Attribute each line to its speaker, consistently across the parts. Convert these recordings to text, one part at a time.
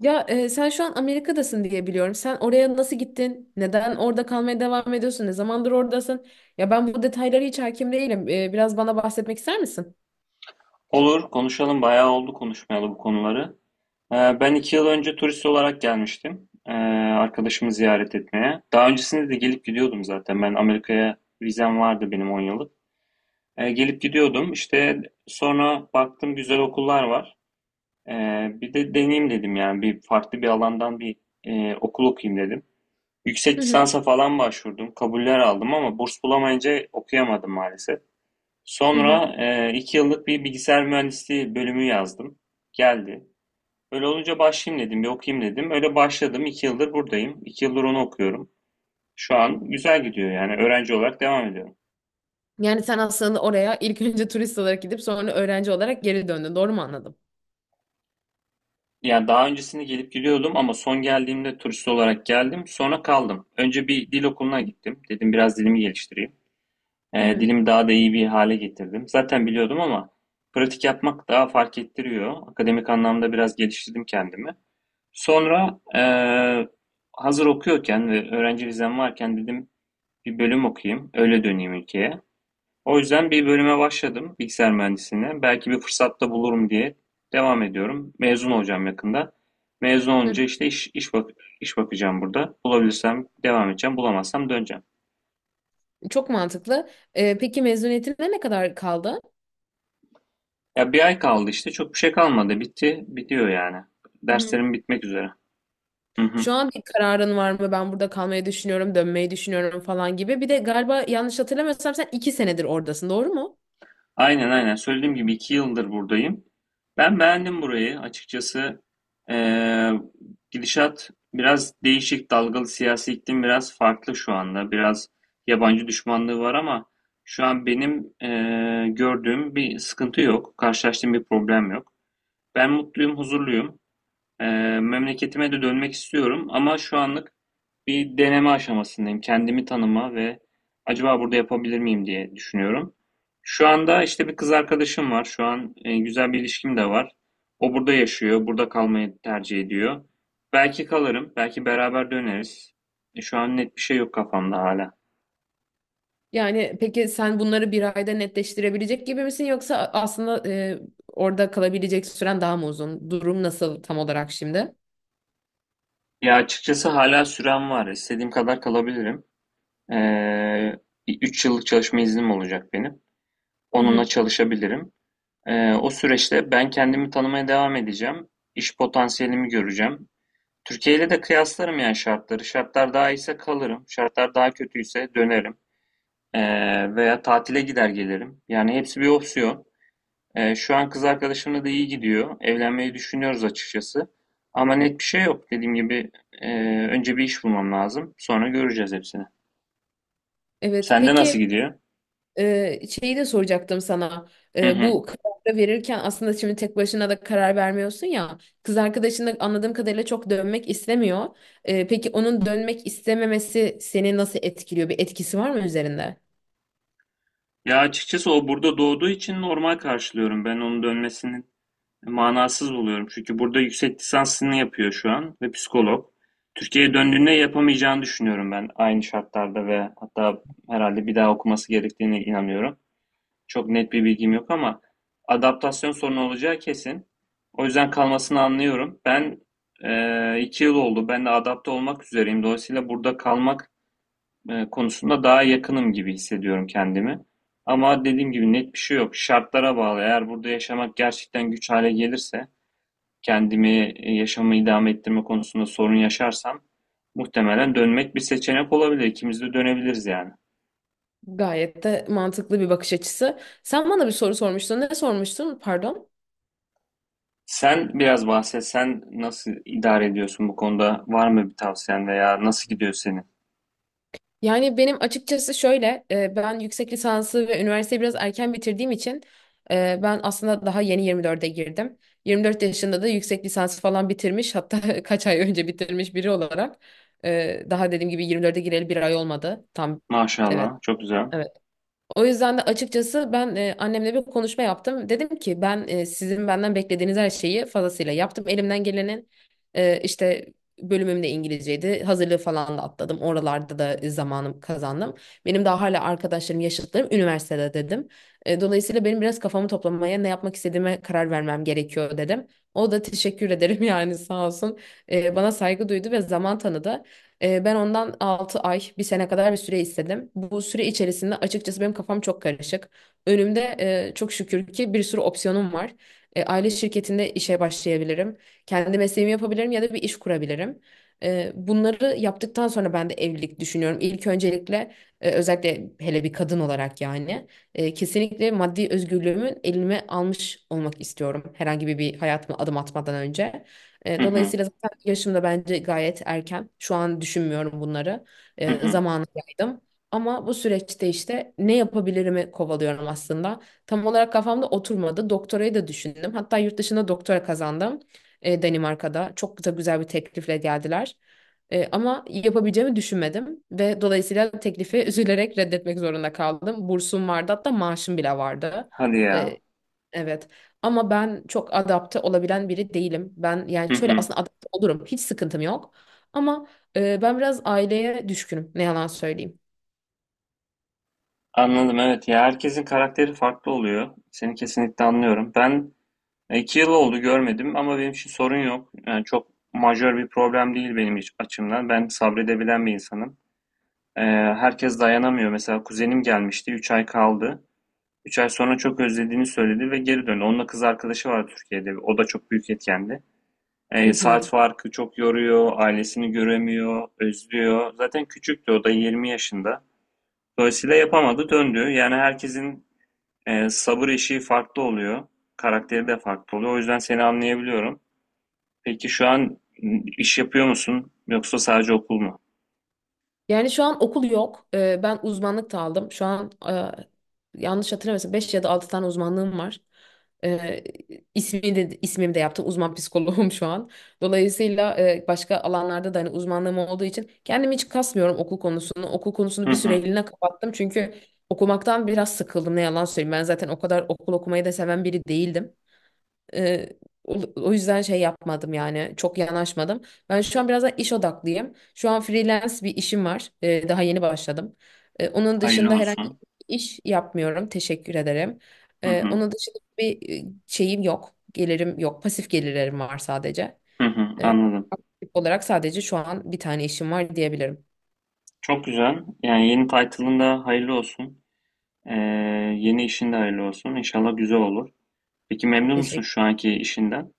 Speaker 1: Sen şu an Amerika'dasın diye biliyorum. Sen oraya nasıl gittin? Neden orada kalmaya devam ediyorsun? Ne zamandır oradasın? Ya ben bu detaylara hiç hakim değilim. Biraz bana bahsetmek ister misin?
Speaker 2: Olur, konuşalım. Bayağı oldu konuşmayalı bu konuları. Ben 2 yıl önce turist olarak gelmiştim. Arkadaşımı ziyaret etmeye. Daha öncesinde de gelip gidiyordum zaten. Ben Amerika'ya vizem vardı benim 10 yıllık. Gelip gidiyordum. İşte sonra baktım güzel okullar var. Bir de deneyim dedim yani. Bir farklı bir alandan bir okul okuyayım dedim. Yüksek
Speaker 1: Hı hı,
Speaker 2: lisansa falan başvurdum. Kabuller aldım ama burs bulamayınca okuyamadım maalesef.
Speaker 1: hı hı.
Speaker 2: Sonra 2 yıllık bir bilgisayar mühendisliği bölümü yazdım. Geldi. Öyle olunca başlayayım dedim, bir okuyayım dedim. Öyle başladım. 2 yıldır buradayım. 2 yıldır onu okuyorum. Şu an güzel gidiyor yani öğrenci olarak devam ediyorum.
Speaker 1: Yani sen aslında oraya ilk önce turist olarak gidip sonra öğrenci olarak geri döndün. Doğru mu anladım?
Speaker 2: Yani daha öncesinde gelip gidiyordum ama son geldiğimde turist olarak geldim. Sonra kaldım. Önce bir dil okuluna gittim. Dedim biraz dilimi geliştireyim.
Speaker 1: Hı
Speaker 2: Eee,
Speaker 1: hı,
Speaker 2: dilimi daha da iyi bir hale getirdim. Zaten biliyordum ama pratik yapmak daha fark ettiriyor. Akademik anlamda biraz geliştirdim kendimi. Sonra hazır okuyorken ve öğrenci vizem varken dedim bir bölüm okuyayım, öyle döneyim ülkeye. O yüzden bir bölüme başladım bilgisayar mühendisliğine. Belki bir fırsatta bulurum diye devam ediyorum. Mezun olacağım yakında. Mezun
Speaker 1: hı.
Speaker 2: olunca işte bak iş bakacağım burada. Bulabilirsem devam edeceğim, bulamazsam döneceğim.
Speaker 1: Çok mantıklı. Peki mezuniyetine ne kadar kaldı?
Speaker 2: Ya bir ay kaldı işte, çok bir şey kalmadı. Bitti, bitiyor yani. Derslerim bitmek üzere. Hı hı.
Speaker 1: Şu an bir kararın var mı? Ben burada kalmayı düşünüyorum, dönmeyi düşünüyorum falan gibi. Bir de galiba yanlış hatırlamıyorsam sen iki senedir oradasın, doğru mu?
Speaker 2: Aynen aynen. Söylediğim gibi 2 yıldır buradayım. Ben beğendim burayı. Açıkçası eee, gidişat biraz değişik, dalgalı siyasi iklim biraz farklı şu anda. Biraz yabancı düşmanlığı var ama şu an benim gördüğüm bir sıkıntı yok. Karşılaştığım bir problem yok. Ben mutluyum, huzurluyum. Memleketime de dönmek istiyorum ama şu anlık bir deneme aşamasındayım. Kendimi tanıma ve acaba burada yapabilir miyim diye düşünüyorum. Şu anda işte bir kız arkadaşım var. Şu an güzel bir ilişkim de var. O burada yaşıyor, burada kalmayı tercih ediyor. Belki kalırım, belki beraber döneriz. Şu an net bir şey yok kafamda hala.
Speaker 1: Yani peki sen bunları bir ayda netleştirebilecek gibi misin yoksa aslında orada kalabilecek süren daha mı uzun? Durum nasıl tam olarak şimdi?
Speaker 2: Ya açıkçası hala sürem var. İstediğim kadar kalabilirim. Eee, bir yıllık çalışma iznim olacak benim.
Speaker 1: Hı
Speaker 2: Onunla
Speaker 1: hı.
Speaker 2: çalışabilirim. O süreçte ben kendimi tanımaya devam edeceğim. İş potansiyelimi göreceğim. Türkiye ile de kıyaslarım yani şartları. Şartlar daha iyiyse kalırım. Şartlar daha kötüyse dönerim. Veya tatile gider gelirim. Yani hepsi bir opsiyon. Şu an kız arkadaşımla da iyi gidiyor. Evlenmeyi düşünüyoruz açıkçası. Ama net bir şey yok. Dediğim gibi önce bir iş bulmam lazım. Sonra göreceğiz hepsini.
Speaker 1: Evet,
Speaker 2: Sende nasıl
Speaker 1: peki.
Speaker 2: gidiyor?
Speaker 1: Şeyi de soracaktım sana.
Speaker 2: Hı hı.
Speaker 1: Bu kararı verirken aslında şimdi tek başına da karar vermiyorsun ya. Kız arkadaşın da anladığım kadarıyla çok dönmek istemiyor. Peki onun dönmek istememesi seni nasıl etkiliyor? Bir etkisi var mı üzerinde?
Speaker 2: Ya açıkçası o burada doğduğu için normal karşılıyorum. Ben onun dönmesini manasız buluyorum. Çünkü burada yüksek lisansını yapıyor şu an ve psikolog. Türkiye'ye döndüğünde yapamayacağını düşünüyorum ben aynı şartlarda ve hatta herhalde bir daha okuması gerektiğine inanıyorum. Çok net bir bilgim yok ama adaptasyon sorunu olacağı kesin. O yüzden kalmasını anlıyorum. Ben 2 yıl oldu. Ben de adapte olmak üzereyim. Dolayısıyla burada kalmak konusunda daha yakınım gibi hissediyorum kendimi. Ama dediğim gibi net bir şey yok. Şartlara bağlı. Eğer burada yaşamak gerçekten güç hale gelirse kendimi, yaşamı idame ettirme konusunda sorun yaşarsam muhtemelen dönmek bir seçenek olabilir. İkimiz de dönebiliriz yani.
Speaker 1: Gayet de mantıklı bir bakış açısı. Sen bana bir soru sormuştun. Ne sormuştun? Pardon.
Speaker 2: Sen biraz bahset. Sen nasıl idare ediyorsun bu konuda? Var mı bir tavsiyen veya nasıl gidiyor senin?
Speaker 1: Yani benim açıkçası şöyle, ben yüksek lisansı ve üniversiteyi biraz erken bitirdiğim için ben aslında daha yeni 24'e girdim. 24 yaşında da yüksek lisansı falan bitirmiş, hatta kaç ay önce bitirmiş biri olarak. Daha dediğim gibi 24'e gireli bir ay olmadı. Tam. Evet,
Speaker 2: Maşallah. Çok güzel.
Speaker 1: evet. O yüzden de açıkçası ben annemle bir konuşma yaptım. Dedim ki ben sizin benden beklediğiniz her şeyi fazlasıyla yaptım. Elimden gelenin işte bölümüm de İngilizceydi. Hazırlığı falan da atladım. Oralarda da zamanım kazandım. Benim daha hala arkadaşlarım, yaşıtlarım üniversitede dedim. Dolayısıyla benim biraz kafamı toplamaya, ne yapmak istediğime karar vermem gerekiyor dedim. O da teşekkür ederim yani sağ olsun. Bana saygı duydu ve zaman tanıdı. Ben ondan 6 ay, bir sene kadar bir süre istedim. Bu süre içerisinde açıkçası benim kafam çok karışık. Önümde çok şükür ki bir sürü opsiyonum var. Aile şirketinde işe başlayabilirim. Kendi mesleğimi yapabilirim ya da bir iş kurabilirim. Bunları yaptıktan sonra ben de evlilik düşünüyorum. İlk öncelikle özellikle hele bir kadın olarak yani kesinlikle maddi özgürlüğümün elime almış olmak istiyorum. Herhangi bir hayatıma adım atmadan önce.
Speaker 2: Hı hı.
Speaker 1: Dolayısıyla zaten yaşım da bence gayet erken. Şu an düşünmüyorum bunları.
Speaker 2: Hı hı.
Speaker 1: Zamanı yaydım. Ama bu süreçte işte ne yapabilirimi kovalıyorum aslında. Tam olarak kafamda oturmadı. Doktorayı da düşündüm. Hatta yurt dışında doktora kazandım. Danimarka'da. Çok da güzel bir teklifle geldiler. Ama yapabileceğimi düşünmedim ve dolayısıyla teklifi üzülerek reddetmek zorunda kaldım. Bursum vardı hatta maaşım bile vardı.
Speaker 2: Hadi ya.
Speaker 1: Evet. Ama ben çok adapte olabilen biri değilim. Ben yani
Speaker 2: Hı
Speaker 1: şöyle
Speaker 2: hı.
Speaker 1: aslında adapte olurum. Hiç sıkıntım yok. Ama ben biraz aileye düşkünüm. Ne yalan söyleyeyim.
Speaker 2: Anladım, evet ya, herkesin karakteri farklı oluyor. Seni kesinlikle anlıyorum. Ben iki yıl oldu görmedim ama benim için sorun yok. Yani çok majör bir problem değil benim açımdan. Ben sabredebilen bir insanım. Ee, herkes dayanamıyor. Mesela kuzenim gelmişti. 3 ay kaldı. 3 ay sonra çok özlediğini söyledi ve geri döndü. Onunla kız arkadaşı var Türkiye'de. O da çok büyük etkendi.
Speaker 1: Hı
Speaker 2: Ee,
Speaker 1: hı.
Speaker 2: saat farkı çok yoruyor. Ailesini göremiyor. Özlüyor. Zaten küçüktü. O da 20 yaşında. Dolayısıyla yapamadı. Döndü. Yani herkesin sabır eşiği farklı oluyor. Karakteri de farklı oluyor. O yüzden seni anlayabiliyorum. Peki şu an iş yapıyor musun? Yoksa sadece okul mu?
Speaker 1: Yani şu an okul yok. Ben uzmanlık da aldım. Şu an yanlış hatırlamıyorsam 5 ya da 6 tane uzmanlığım var. Ee, ismi de, ismimi de yaptım. Uzman psikoloğum şu an. Dolayısıyla başka alanlarda da hani uzmanlığım olduğu için kendimi hiç kasmıyorum okul konusunu. Okul konusunu
Speaker 2: Hı
Speaker 1: bir
Speaker 2: hı.
Speaker 1: süreliğine kapattım. Çünkü okumaktan biraz sıkıldım ne yalan söyleyeyim. Ben zaten o kadar okul okumayı da seven biri değildim. Ee, o yüzden şey yapmadım yani çok yanaşmadım. Ben şu an biraz da iş odaklıyım. Şu an freelance bir işim var. Daha yeni başladım. Onun dışında
Speaker 2: Hayırlı
Speaker 1: herhangi
Speaker 2: olsun.
Speaker 1: bir iş yapmıyorum. Teşekkür ederim.
Speaker 2: Hı hı.
Speaker 1: Onun dışında bir şeyim yok. Gelirim yok. Pasif gelirlerim var sadece.
Speaker 2: Hı hı.
Speaker 1: Ee,
Speaker 2: Anladım.
Speaker 1: Olarak sadece şu an bir tane işim var diyebilirim.
Speaker 2: Çok güzel. Yani yeni title'ın da hayırlı olsun. Ee, yeni işin de hayırlı olsun. İnşallah güzel olur. Peki memnun musun
Speaker 1: Teşekkür.
Speaker 2: şu anki işinden?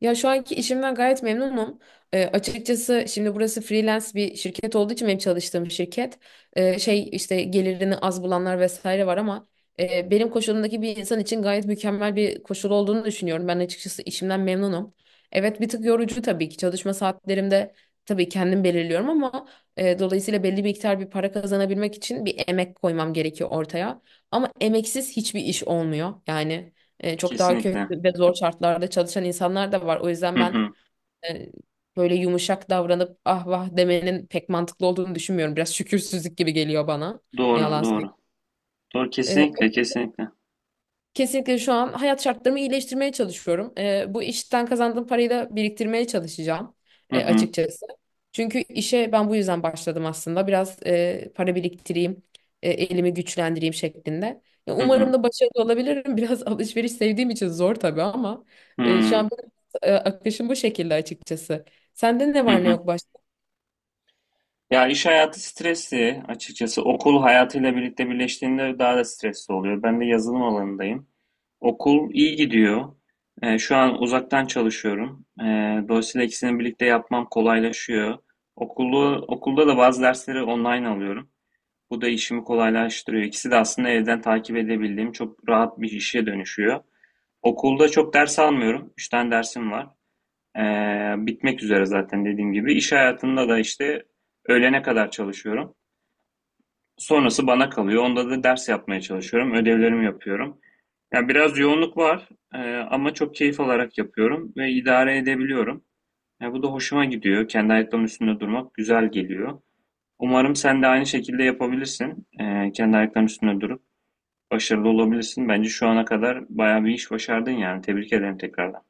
Speaker 1: Ya şu anki işimden gayet memnunum. Açıkçası şimdi burası freelance bir şirket olduğu için benim çalıştığım şirket şey işte gelirini az bulanlar vesaire var ama benim koşulumdaki bir insan için gayet mükemmel bir koşul olduğunu düşünüyorum. Ben açıkçası işimden memnunum. Evet bir tık yorucu tabii ki çalışma saatlerimde tabii kendim belirliyorum ama dolayısıyla belli bir miktar bir para kazanabilmek için bir emek koymam gerekiyor ortaya. Ama emeksiz hiçbir iş olmuyor yani. Çok daha kötü
Speaker 2: Kesinlikle.
Speaker 1: ve zor şartlarda çalışan insanlar da var. O yüzden
Speaker 2: Hı
Speaker 1: ben
Speaker 2: hı.
Speaker 1: e, böyle yumuşak davranıp ah vah demenin pek mantıklı olduğunu düşünmüyorum. Biraz şükürsüzlük gibi geliyor bana. Ne
Speaker 2: Doğru,
Speaker 1: yalan
Speaker 2: doğru. Doğru,
Speaker 1: söyleyeyim.
Speaker 2: kesinlikle, kesinlikle.
Speaker 1: Kesinlikle şu an hayat şartlarımı iyileştirmeye çalışıyorum. Bu işten kazandığım parayı da biriktirmeye çalışacağım
Speaker 2: Hı
Speaker 1: e,
Speaker 2: hı.
Speaker 1: açıkçası. Çünkü işe ben bu yüzden başladım aslında. Biraz para biriktireyim, elimi güçlendireyim şeklinde. Ya,
Speaker 2: Hı
Speaker 1: umarım
Speaker 2: hı.
Speaker 1: da başarılı olabilirim. Biraz alışveriş sevdiğim için zor tabii ama
Speaker 2: Hı
Speaker 1: şu
Speaker 2: hı.
Speaker 1: an benim, akışım bu şekilde açıkçası. Sende ne
Speaker 2: Hı
Speaker 1: var ne
Speaker 2: hı.
Speaker 1: yok?
Speaker 2: Ya iş hayatı stresli açıkçası. Okul hayatıyla birlikte birleştiğinde daha da stresli oluyor. Ben de yazılım alanındayım. Okul iyi gidiyor. Şu an uzaktan çalışıyorum. Dolayısıyla ikisini birlikte yapmam kolaylaşıyor. Okulda da bazı dersleri online alıyorum. Bu da işimi kolaylaştırıyor. İkisi de aslında evden takip edebildiğim çok rahat bir işe dönüşüyor. Okulda çok ders almıyorum. Üç tane dersim var. Bitmek üzere zaten dediğim gibi. İş hayatında da işte öğlene kadar çalışıyorum. Sonrası bana kalıyor. Onda da ders yapmaya çalışıyorum. Ödevlerimi yapıyorum. Yani biraz yoğunluk var ama çok keyif alarak yapıyorum ve idare edebiliyorum. Yani bu da hoşuma gidiyor. Kendi ayaklarımın üstünde durmak güzel geliyor. Umarım sen de aynı şekilde yapabilirsin. Kendi ayaklarının üstünde durup başarılı olabilirsin. Bence şu ana kadar bayağı bir iş başardın yani. Tebrik ederim tekrardan.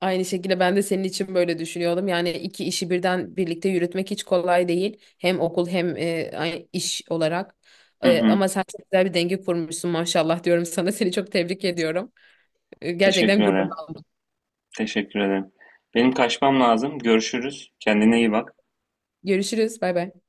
Speaker 1: Aynı şekilde ben de senin için böyle düşünüyordum. Yani iki işi birden birlikte yürütmek hiç kolay değil. Hem okul hem iş olarak.
Speaker 2: Hı hı.
Speaker 1: Ama sen çok güzel bir denge kurmuşsun maşallah diyorum sana. Seni çok tebrik ediyorum.
Speaker 2: Teşekkür
Speaker 1: Gerçekten gurur
Speaker 2: ederim.
Speaker 1: aldım.
Speaker 2: Teşekkür ederim. Benim kaçmam lazım. Görüşürüz. Kendine iyi bak.
Speaker 1: Görüşürüz. Bay bay.